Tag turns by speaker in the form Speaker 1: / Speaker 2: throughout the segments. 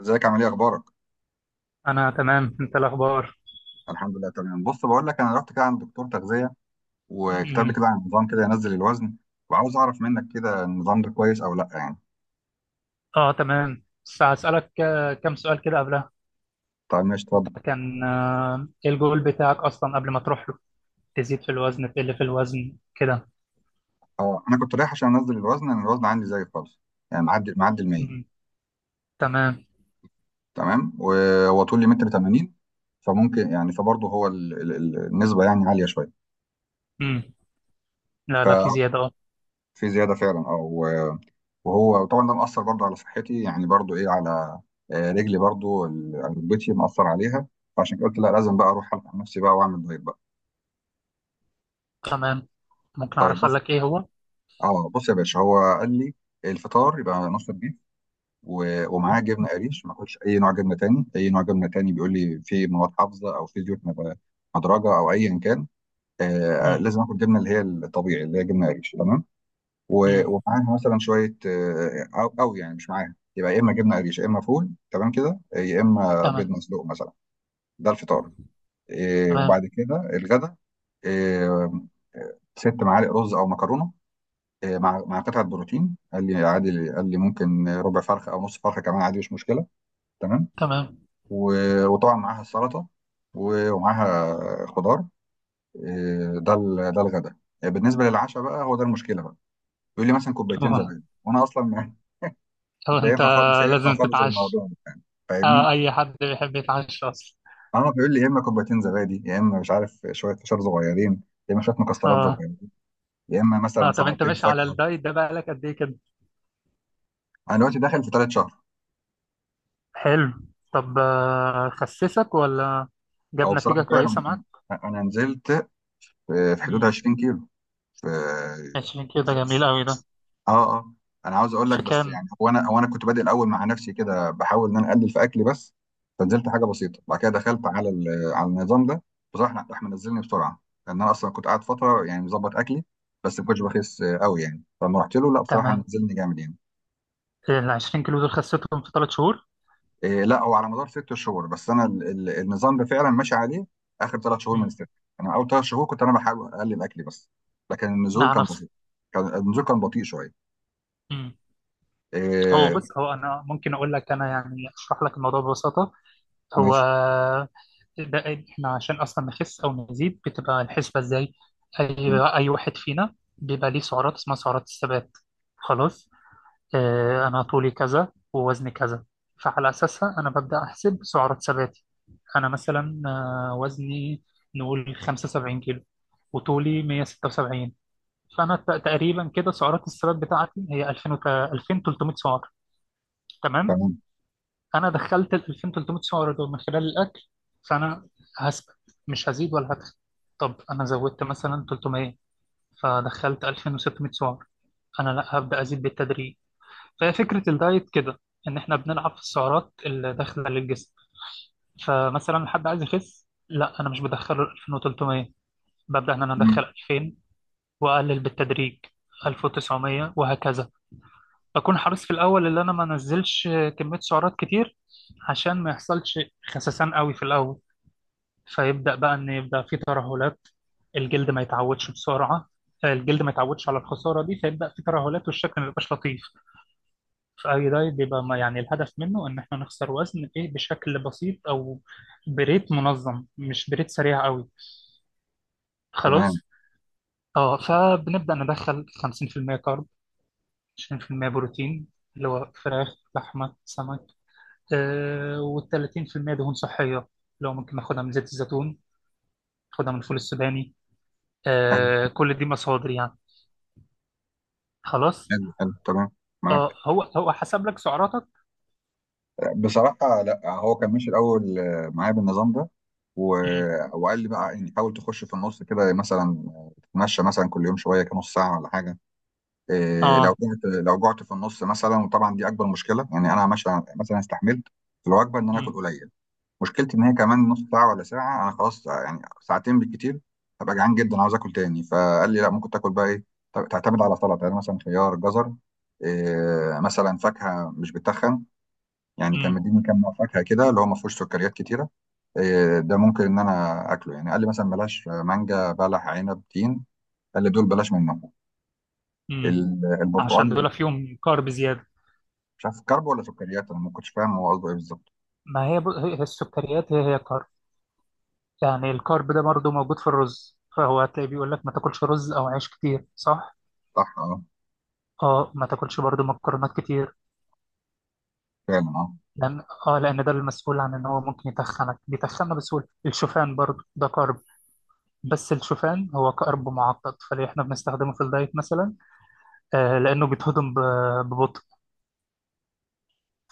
Speaker 1: ازيك؟ عامل ايه؟ اخبارك؟
Speaker 2: انا تمام. انت الاخبار؟
Speaker 1: الحمد لله تمام. بص، بقول لك، انا رحت كده عند دكتور تغذيه وكتب لي
Speaker 2: مم.
Speaker 1: كده عن نظام كده ينزل الوزن، وعاوز اعرف منك كده النظام ده كويس او لا يعني.
Speaker 2: اه تمام، بس هسألك كم سؤال كده قبلها.
Speaker 1: طيب ماشي، اتفضل.
Speaker 2: انت كان ايه الجول بتاعك اصلا قبل ما تروح له؟ تزيد في الوزن؟ تقل في الوزن كده؟
Speaker 1: اه انا كنت رايح عشان انزل الوزن، انا الوزن عندي زي خالص، يعني معدي ال 100.
Speaker 2: مم. تمام.
Speaker 1: تمام، وهو طولي متر 80. فممكن يعني، فبرضه هو النسبه يعني عاليه شويه.
Speaker 2: مم. لا لا، في زيادة، اه.
Speaker 1: ففي زياده فعلا، اه. وهو طبعا ده مأثر برضه على صحتي، يعني برضه ايه على رجلي، برضه ركبتي مأثر عليها. فعشان كده قلت لا، لازم بقى اروح الحق نفسي بقى واعمل دايت بقى.
Speaker 2: تمام. ممكن
Speaker 1: طيب
Speaker 2: اعرف
Speaker 1: بص،
Speaker 2: اسألك ايه هو؟
Speaker 1: اه بص يا باشا، هو قال لي الفطار يبقى نص البيف و- ومعاه جبنه قريش، ما اكلش اي نوع جبنه تاني. اي نوع جبنه تاني بيقول لي فيه مواد حافظه او فيه زيوت مدرجه او ايا كان.
Speaker 2: مم.
Speaker 1: لازم اكل جبنه اللي هي الطبيعي، اللي هي جبنه قريش، تمام. و-
Speaker 2: مم.
Speaker 1: ومعاها مثلا شويه، او يعني مش معاها، يبقى يا اما جبنه قريش يا اما فول، تمام كده، يا اما بيض
Speaker 2: تمام،
Speaker 1: مسلوق مثلا. ده الفطار.
Speaker 2: تمام،
Speaker 1: وبعد كده الغدا. إيه، 6 معالق رز او مكرونه، مع قطعه بروتين. قال لي عادي، قال لي ممكن ربع فرخه او نص فرخه كمان عادي، مش مشكله. تمام.
Speaker 2: تمام.
Speaker 1: و- وطبعا معاها السلطه و- ومعاها خضار. ده الغدا. بالنسبه للعشاء بقى، هو ده المشكله بقى. يقول لي مثلا كوبايتين
Speaker 2: هو.
Speaker 1: زبادي، وانا اصلا
Speaker 2: هو
Speaker 1: مش
Speaker 2: انت
Speaker 1: هينفع خالص، مش هينفع
Speaker 2: لازم
Speaker 1: خالص
Speaker 2: تتعشى.
Speaker 1: الموضوع ده يعني. فاهمني؟
Speaker 2: آه، اي حد بيحب يتعشى اصلا.
Speaker 1: عمرو بيقول لي يا اما كوبايتين زبادي، يا اما مش عارف شويه فشار صغيرين، يا اما شويه مكسرات
Speaker 2: اه،
Speaker 1: صغيرين، يا اما
Speaker 2: اه.
Speaker 1: مثلا
Speaker 2: طب انت
Speaker 1: ثمرتين
Speaker 2: ماشي على
Speaker 1: فاكهه.
Speaker 2: الدايت ده بقالك قد ايه كده؟
Speaker 1: انا دلوقتي داخل في ثالث شهر.
Speaker 2: حلو. طب خسسك ولا جاب
Speaker 1: او
Speaker 2: نتيجة
Speaker 1: بصراحه
Speaker 2: كويسة
Speaker 1: فعلا،
Speaker 2: معاك؟
Speaker 1: انا نزلت في حدود
Speaker 2: مم.
Speaker 1: 20 كيلو. في
Speaker 2: 20 كيلو ده جميل قوي ده.
Speaker 1: اه اه، انا عاوز اقول لك
Speaker 2: في
Speaker 1: بس
Speaker 2: كام؟
Speaker 1: يعني، هو انا كنت بادئ الاول مع نفسي كده بحاول ان انا اقلل في اكلي بس. فنزلت حاجه بسيطه، بعد كده دخلت على على النظام ده. بصراحه راح منزلني بسرعه، لان انا اصلا كنت قاعد فتره يعني مظبط اكلي بس ما كنتش بخس قوي يعني. فلما رحت له، لا بصراحه
Speaker 2: تمام.
Speaker 1: نزلني جامد يعني.
Speaker 2: ال 20 كيلو دول خسيتهم في 3 شهور؟
Speaker 1: إيه لا، هو على مدار 6 شهور، بس انا النظام ده فعلا ماشي عليه اخر 3 شهور من
Speaker 2: مم.
Speaker 1: الست. انا اول 3 شهور كنت انا بحاول اقلل اكلي بس، لكن النزول
Speaker 2: مع
Speaker 1: كان
Speaker 2: نفسك.
Speaker 1: بسيط، كان النزول كان بطيء شويه.
Speaker 2: مم. هو بص،
Speaker 1: إيه.
Speaker 2: هو أنا ممكن أقول لك، أنا يعني أشرح لك الموضوع ببساطة. هو
Speaker 1: ماشي.
Speaker 2: ده، إحنا عشان أصلا نخس أو نزيد بتبقى الحسبة إزاي؟ أي واحد فينا بيبقى ليه سعرات اسمها سعرات الثبات. خلاص، أنا طولي كذا ووزني كذا، فعلى أساسها أنا ببدأ أحسب سعرات ثباتي. أنا مثلا وزني نقول 75 كيلو، وطولي 176، فأنا تقريبا كده سعرات الثبات بتاعتي هي 2000 وت- 2300 سعر. تمام.
Speaker 1: تمام
Speaker 2: أنا دخلت ال 2300 سعر دول من خلال الأكل، فأنا هثبت، مش هزيد ولا هدخل. طب أنا زودت مثلا 300، فدخلت 2600 سعر، أنا لا، هبدأ أزيد بالتدريج. فهي فكرة الدايت كده، إن إحنا بنلعب في السعرات اللي داخلة للجسم. فمثلا حد عايز يخس، لا أنا مش بدخله 2300، ببدأ إن أنا أدخل 2000 وأقلل بالتدريج، 1900 وهكذا. بكون حريص في الأول إن أنا ما أنزلش كمية سعرات كتير، عشان ما يحصلش خسسان قوي في الأول، فيبدأ بقى إن يبدأ في ترهلات. الجلد ما يتعودش بسرعة. الجلد ما يتعودش على الخسارة دي، فيبدأ في ترهلات والشكل ما يبقاش لطيف. اي دايت بيبقى يعني الهدف منه ان احنا نخسر وزن، ايه، بشكل بسيط او بريت منظم، مش بريت سريع قوي.
Speaker 1: تمام.
Speaker 2: خلاص. اه، فبنبدا ندخل 50% كارب، 20% بروتين اللي هو فراخ لحمه سمك، آه، وال 30% دهون صحيه، لو ممكن ناخدها من زيت الزيتون، ناخدها من الفول السوداني،
Speaker 1: حلو
Speaker 2: آه كل دي مصادر يعني. خلاص.
Speaker 1: حلو حلو. تمام معاك.
Speaker 2: اه، هو حسب لك سعراتك؟
Speaker 1: بصراحة لا، هو كان ماشي الأول معايا بالنظام ده و...
Speaker 2: مم.
Speaker 1: وقال لي بقى يعني حاول تخش في النص كده، مثلا تتمشى مثلا كل يوم شوية كده نص ساعة ولا حاجة. إيه، لو
Speaker 2: اه.
Speaker 1: جعت، لو جعت في النص مثلا، وطبعا دي أكبر مشكلة يعني. أنا ماشي مثلا، استحملت في الوجبة إن أنا آكل
Speaker 2: مم.
Speaker 1: قليل. مشكلتي ان هي كمان نص ساعه ولا ساعه، انا خلاص يعني ساعتين بالكتير هبقى جعان جدا، عاوز اكل تاني. فقال لي لا، ممكن تاكل بقى ايه، تعتمد على سلطه، يعني مثلا خيار، جزر، إيه، مثلا فاكهه مش بتخن. يعني كان
Speaker 2: مم.
Speaker 1: مديني كام نوع فاكهه كده اللي هو ما فيهوش سكريات كتيره، إيه ده ممكن ان انا اكله، يعني قال لي مثلا بلاش مانجا، بلح، عنب، تين، قال لي دول بلاش منهم.
Speaker 2: مم. عشان
Speaker 1: البرتقال،
Speaker 2: دول فيهم كارب زيادة.
Speaker 1: مش عارف كرب ولا سكريات، انا ما كنتش فاهم هو قصده ايه بالظبط.
Speaker 2: ما هي هي السكريات، هي كارب. يعني الكارب ده برضه موجود في الرز، فهو هتلاقي بيقول لك ما تاكلش رز او عيش كتير، صح؟
Speaker 1: صح اه.
Speaker 2: اه، ما تاكلش برضه مكرونات كتير.
Speaker 1: فعلا اه.
Speaker 2: لان ده المسؤول عن ان هو ممكن يتخنك، بيتخنى بسهوله. الشوفان برضه ده كارب، بس الشوفان هو كارب معقد، فليه احنا بنستخدمه في الدايت مثلا؟ آه، لانه بيتهضم ببطء،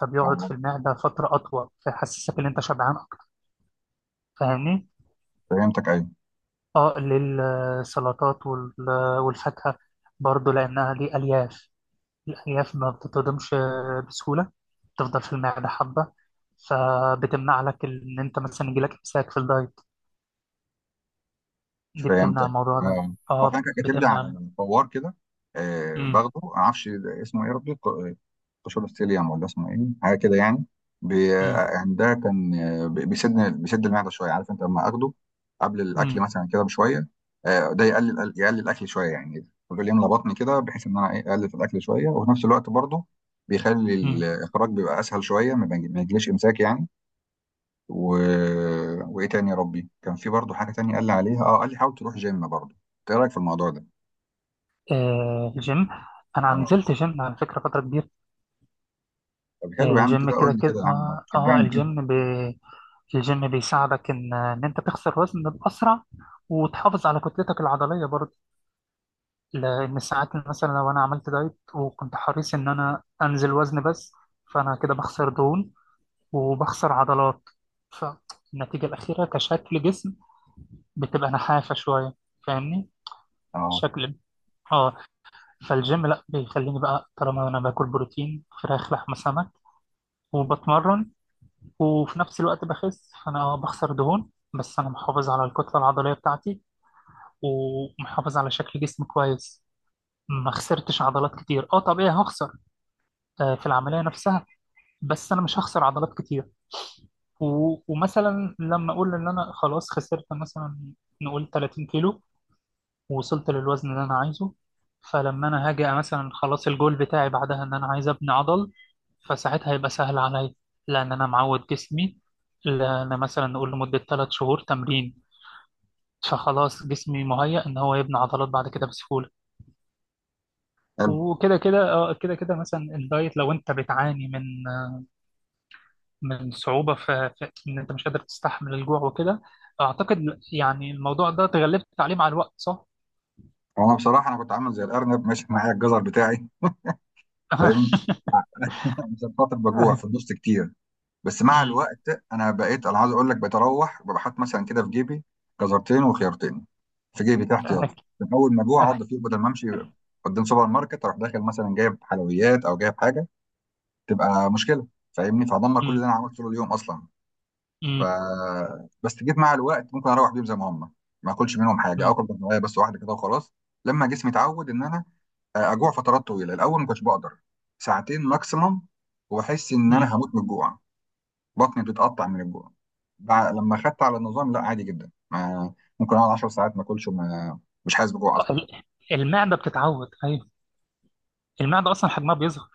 Speaker 2: فبيقعد في
Speaker 1: آه،
Speaker 2: المعده فتره اطول، فيحسسك ان انت شبعان اكتر. فاهمني؟
Speaker 1: فهمتك، ايوه
Speaker 2: اه، للسلطات والفاكهة برضو، لأنها دي ألياف. الألياف ما بتتهضمش بسهولة، بتفضل في المعدة حبة، فبتمنع لك إن أنت مثلا يجيلك إمساك في الدايت، دي بتمنع
Speaker 1: فهمتك.
Speaker 2: الموضوع ده.
Speaker 1: اه. هو
Speaker 2: اه،
Speaker 1: كان كاتب لي
Speaker 2: بتمنع.
Speaker 1: على فوار كده، آه
Speaker 2: امم.
Speaker 1: باخده، ما اعرفش اسمه ايه يا ربي، قشور ستيليوم ولا اسمه ايه حاجه كده يعني. بي...
Speaker 2: امم.
Speaker 1: آه، يعني ده كان بيسد، بيسد المعده شويه، عارف انت لما اخده قبل الاكل
Speaker 2: امم.
Speaker 1: مثلا كده بشويه، آه ده يقلل الاكل شويه يعني، بيقول يملى بطني كده بحيث ان انا ايه اقلل في الاكل شويه، وفي نفس الوقت برضه بيخلي
Speaker 2: امم.
Speaker 1: الاخراج بيبقى اسهل شويه، ما يجيليش امساك يعني و... وايه تاني يا ربي. كان في برضو حاجه تانية قال لي عليها، اه قال لي حاول تروح جيم برضو. انت ايه رايك في الموضوع ده؟
Speaker 2: آه، الجيم. أنا
Speaker 1: اه.
Speaker 2: نزلت جيم على فكرة فترة كبيرة.
Speaker 1: طب حلو يا عم
Speaker 2: الجيم
Speaker 1: كده،
Speaker 2: كده
Speaker 1: قول لي
Speaker 2: كده،
Speaker 1: كده يا عم، شجعني كده.
Speaker 2: الجيم بيساعدك إن إن أنت تخسر وزن بأسرع، وتحافظ على كتلتك العضلية برضو. لأن ساعات مثلا لو أنا عملت دايت وكنت حريص إن أنا أنزل وزن بس، فأنا كده بخسر دهون وبخسر عضلات، فالنتيجة الأخيرة كشكل جسم بتبقى نحافة شوية. فاهمني؟
Speaker 1: اه.
Speaker 2: شكل. اه. فالجيم لا، بيخليني بقى طالما انا باكل بروتين فراخ لحمه سمك وبتمرن وفي نفس الوقت بخس، فانا بخسر دهون، بس انا محافظ على الكتله العضليه بتاعتي، ومحافظ على شكل جسمي كويس. ما خسرتش عضلات كتير. اه، طبيعي هخسر في العملية نفسها، بس أنا مش هخسر عضلات كتير. ومثلا لما أقول إن أنا خلاص خسرت مثلا، نقول 30 كيلو، ووصلت للوزن اللي أنا عايزه، فلما أنا هاجي مثلا خلاص، الجول بتاعي بعدها إن أنا عايز أبني عضل، فساعتها هيبقى سهل عليا، لأن أنا معود جسمي، لأن مثلا نقول لمدة 3 شهور تمرين، فخلاص جسمي مهيأ إن هو يبني عضلات بعد كده بسهولة.
Speaker 1: حلو.
Speaker 2: وكده كده آه، كده كده مثلا الدايت، لو أنت بتعاني من صعوبة في إن أنت مش قادر تستحمل الجوع وكده، أعتقد يعني الموضوع ده تغلبت عليه مع الوقت، صح؟
Speaker 1: هو انا بصراحه انا كنت عامل زي الارنب ماشي معايا الجزر بتاعي. فاهمني؟ عشان خاطر بجوع في النص كتير. بس مع
Speaker 2: أمم.
Speaker 1: الوقت انا بقيت انا عايز اقول لك بتروح بحط مثلا كده في جيبي جزرتين وخيارتين في جيبي تحت ياض،
Speaker 2: أه.
Speaker 1: من اول ما اجوع
Speaker 2: أه.
Speaker 1: اقعد فيه، بدل ما امشي قدام سوبر ماركت اروح داخل مثلا جايب حلويات او جايب حاجه، تبقى مشكله. فاهمني؟ فهدمر كل
Speaker 2: أمم.
Speaker 1: اللي انا عملته طول اليوم اصلا. ف
Speaker 2: أمم.
Speaker 1: بس جيت مع الوقت ممكن اروح بيهم زي ما هم، ما اكلش منهم حاجه،
Speaker 2: أمم.
Speaker 1: اكل بطنيه بس واحده كده وخلاص. لما جسمي اتعود ان انا اجوع فترات طويله. الاول ما كنتش بقدر، ساعتين ماكسيمم واحس ان
Speaker 2: أمم.
Speaker 1: انا هموت من الجوع، بطني بتتقطع من الجوع. لما خدت على النظام لا، عادي جدا، ما ممكن اقعد 10 ساعات ما اكلش، مش حاسس بجوع اصلا.
Speaker 2: ال- المعدة بتتعود، أيوه. المعدة أصلا حجمها بيظهر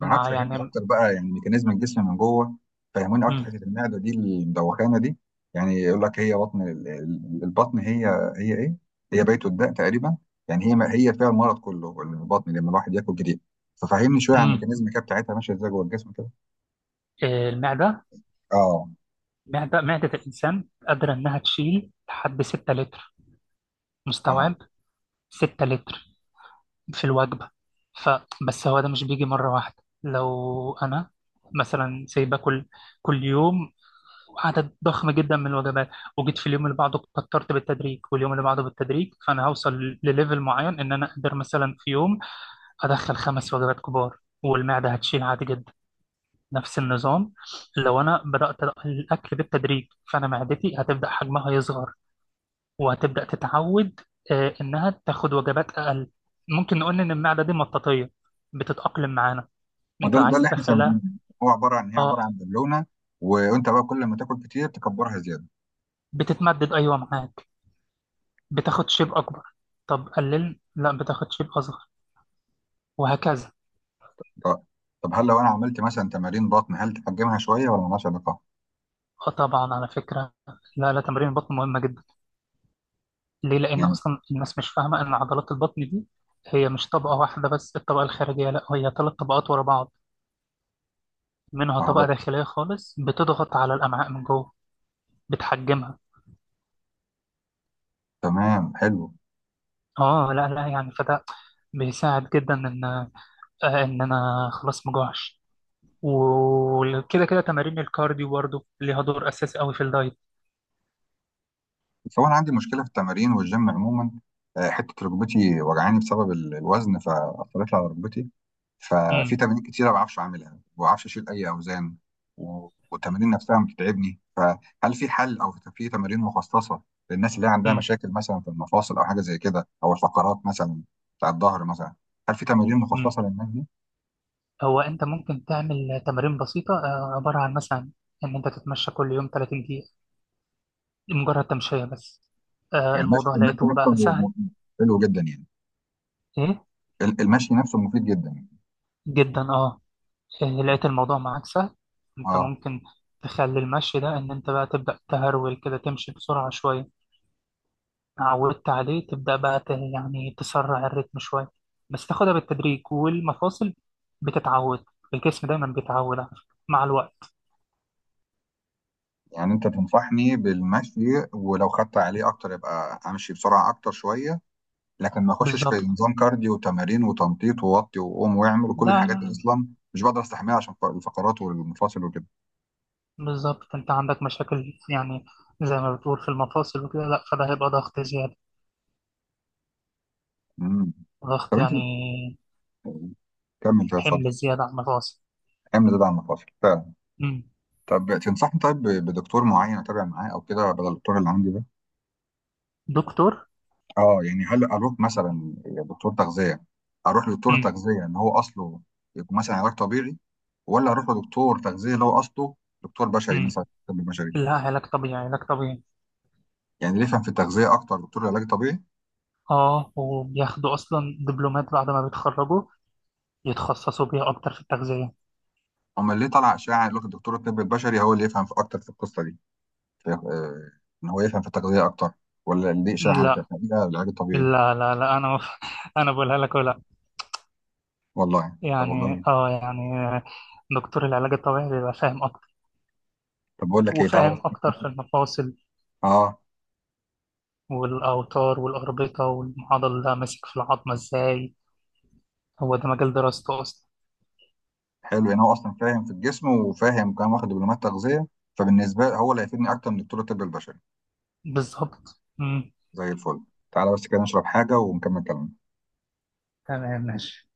Speaker 1: معاك.
Speaker 2: مع
Speaker 1: فهمني
Speaker 2: يعني.
Speaker 1: اكتر بقى يعني ميكانيزم الجسم من جوه، فهموني اكتر
Speaker 2: أمم.
Speaker 1: حته المعده دي المدوخانه دي. يعني يقول لك هي بطن، البطن هي هي ايه؟ هي بيت الداء تقريبا يعني، هي ما هي فيها المرض كله، البطن لما الواحد ياكل جديد. ففهمني شويه عن
Speaker 2: أمم.
Speaker 1: الميكانيزم كده بتاعتها ماشيه ازاي جوه الجسم كده.
Speaker 2: آه، المعدة.
Speaker 1: اه.
Speaker 2: معدة الإنسان قادرة إنها تشيل لحد 6 لتر
Speaker 1: اه.
Speaker 2: مستوعب. 6 لتر في الوجبة. ف، بس هو ده مش بيجي مرة واحدة. لو أنا مثلا سايبة كل يوم عدد ضخم جدا من الوجبات، وجيت في اليوم اللي بعده كترت بالتدريج، واليوم اللي بعده بالتدريج، فأنا هوصل لليفل معين إن أنا أقدر مثلا في يوم أدخل خمس وجبات كبار، والمعدة هتشيل عادي جدا. نفس النظام، لو أنا بدأت الأكل بالتدريج فأنا معدتي هتبدأ حجمها يصغر، وهتبدأ تتعود إنها تاخد وجبات أقل. ممكن نقول إن المعدة دي مطاطية، بتتأقلم معانا،
Speaker 1: ما ده
Speaker 2: أنت
Speaker 1: ده
Speaker 2: عايز
Speaker 1: اللي احنا سامعينه،
Speaker 2: تدخلها.
Speaker 1: هو عباره عن، هي عباره
Speaker 2: أه،
Speaker 1: عن بالونه، وانت بقى كل ما تاكل كتير تكبرها زياده.
Speaker 2: بتتمدد، أيوة معاك، بتاخد شيب أكبر. طب قلل، لا بتاخد شيب أصغر، وهكذا.
Speaker 1: طب هل لو انا عملت مثلا تمارين بطن هل تحجمها شويه ولا مالهاش علاقه؟
Speaker 2: أه، طبعا على فكرة، لا لا، تمرين البطن مهمة جدا. ليه؟ لأن
Speaker 1: يعني
Speaker 2: أصلا الناس مش فاهمة إن عضلات البطن دي هي مش طبقة واحدة بس، الطبقة الخارجية، لا هي ثلاث طبقات ورا بعض، منها طبقة
Speaker 1: آه،
Speaker 2: داخلية خالص بتضغط على الأمعاء من جوه، بتحجمها.
Speaker 1: تمام حلو.
Speaker 2: اه، لا لا يعني، فده بيساعد جدا ان ان انا خلاص مجوعش. وكده كده تمارين الكارديو برضو ليها دور اساسي قوي في الدايت.
Speaker 1: بس هو انا عندي مشكله في التمارين والجيم عموما، حته ركبتي وجعاني بسبب الوزن، فاثرت على ركبتي، ففي
Speaker 2: امم.
Speaker 1: تمارين كتير ما بعرفش اعملها، ما بعرفش اشيل اي اوزان، و- والتمارين نفسها بتتعبني. فهل في حل او في تمارين مخصصه للناس اللي هي عندها
Speaker 2: امم.
Speaker 1: مشاكل مثلا في المفاصل او حاجه زي كده، او الفقرات مثلا بتاع الظهر مثلا؟ هل في تمارين مخصصه
Speaker 2: امم.
Speaker 1: للناس دي؟
Speaker 2: هو انت ممكن تعمل تمارين بسيطه عباره عن مثلا ان انت تتمشى كل يوم 30 دقيقه، مجرد تمشيه بس.
Speaker 1: يعني
Speaker 2: الموضوع
Speaker 1: المشي
Speaker 2: لقيته
Speaker 1: نفسه
Speaker 2: بقى سهل.
Speaker 1: حلو جدا يعني؟
Speaker 2: ايه،
Speaker 1: المشي نفسه مفيد جدا؟
Speaker 2: جدا، اه. إيه، لقيت الموضوع معاك سهل. انت
Speaker 1: اه.
Speaker 2: ممكن تخلي المشي ده ان انت بقى تبدا تهرول كده، تمشي بسرعه شويه، عودت عليه تبدأ بقى يعني تسرع الريتم شوية، بس تاخدها بالتدريج والمفاصل بتتعود. الجسم دايما بيتعود على فكرة مع الوقت.
Speaker 1: يعني انت تنصحني بالمشي، ولو خدت عليه اكتر يبقى امشي بسرعه اكتر شويه، لكن ما اخشش في
Speaker 2: بالظبط.
Speaker 1: نظام كارديو وتمارين وتنطيط ووطي وقوم واعمل وكل
Speaker 2: لا
Speaker 1: الحاجات دي
Speaker 2: لا.
Speaker 1: اصلا، مش بقدر استحملها عشان الفقرات والمفاصل وكده.
Speaker 2: بالظبط انت عندك مشاكل يعني، زي ما بتقول في المفاصل وكده، لا فده هيبقى ضغط زيادة،
Speaker 1: مم.
Speaker 2: ضغط
Speaker 1: طب انت
Speaker 2: يعني
Speaker 1: كمل كده، اتفضل.
Speaker 2: حمل زيادة على المفاصل.
Speaker 1: اعمل زاد على المفاصل فعلا.
Speaker 2: مم.
Speaker 1: طب تنصحني طيب بدكتور معين اتابع معاه او كده بدل الدكتور اللي عندي ده؟
Speaker 2: دكتور.
Speaker 1: اه يعني هل اروح مثلا دكتور تغذيه، اروح لدكتور
Speaker 2: مم.
Speaker 1: تغذيه ان هو اصله يكون مثلا علاج طبيعي، ولا اروح لدكتور تغذيه اللي هو اصله دكتور بشري
Speaker 2: مم.
Speaker 1: مثلا، طب بشري؟
Speaker 2: لا، علاج طبيعي، علاج طبيعي.
Speaker 1: يعني اللي يفهم في التغذيه اكتر دكتور العلاج الطبيعي؟
Speaker 2: اه، وبياخدوا اصلا دبلومات بعد ما بيتخرجوا يتخصصوا بيها اكتر في التغذية.
Speaker 1: اما اللي طلع اشاعه يقول لك الدكتور الطب البشري هو اللي يفهم في اكتر في القصه دي، في- ان هو يفهم في التغذيه اكتر، ولا اللي اشاعه على كده
Speaker 2: لا
Speaker 1: لا، العلاج الطبيعي؟
Speaker 2: لا لا لا، انا انا بقولها لك، ولا
Speaker 1: والله. طب
Speaker 2: يعني
Speaker 1: والله.
Speaker 2: يعني دكتور العلاج الطبيعي بيبقى فاهم اكتر،
Speaker 1: طب بقول لك ايه، تعالى
Speaker 2: وفاهم اكتر في
Speaker 1: بس.
Speaker 2: المفاصل
Speaker 1: اه
Speaker 2: والاوتار والاربطه والمعضل، ده ماسك في العظمه ازاي. هو ده مجال دراسته اصلا.
Speaker 1: حلو، يعني هو اصلا فاهم في الجسم وفاهم كمان واخد دبلومات تغذيه، فبالنسبه له هو اللي هيفيدني اكتر من دكتور الطب البشري.
Speaker 2: بالظبط. مم.
Speaker 1: زي الفل. تعالى بس كده نشرب حاجه ونكمل كلامنا.
Speaker 2: تمام، ماشي.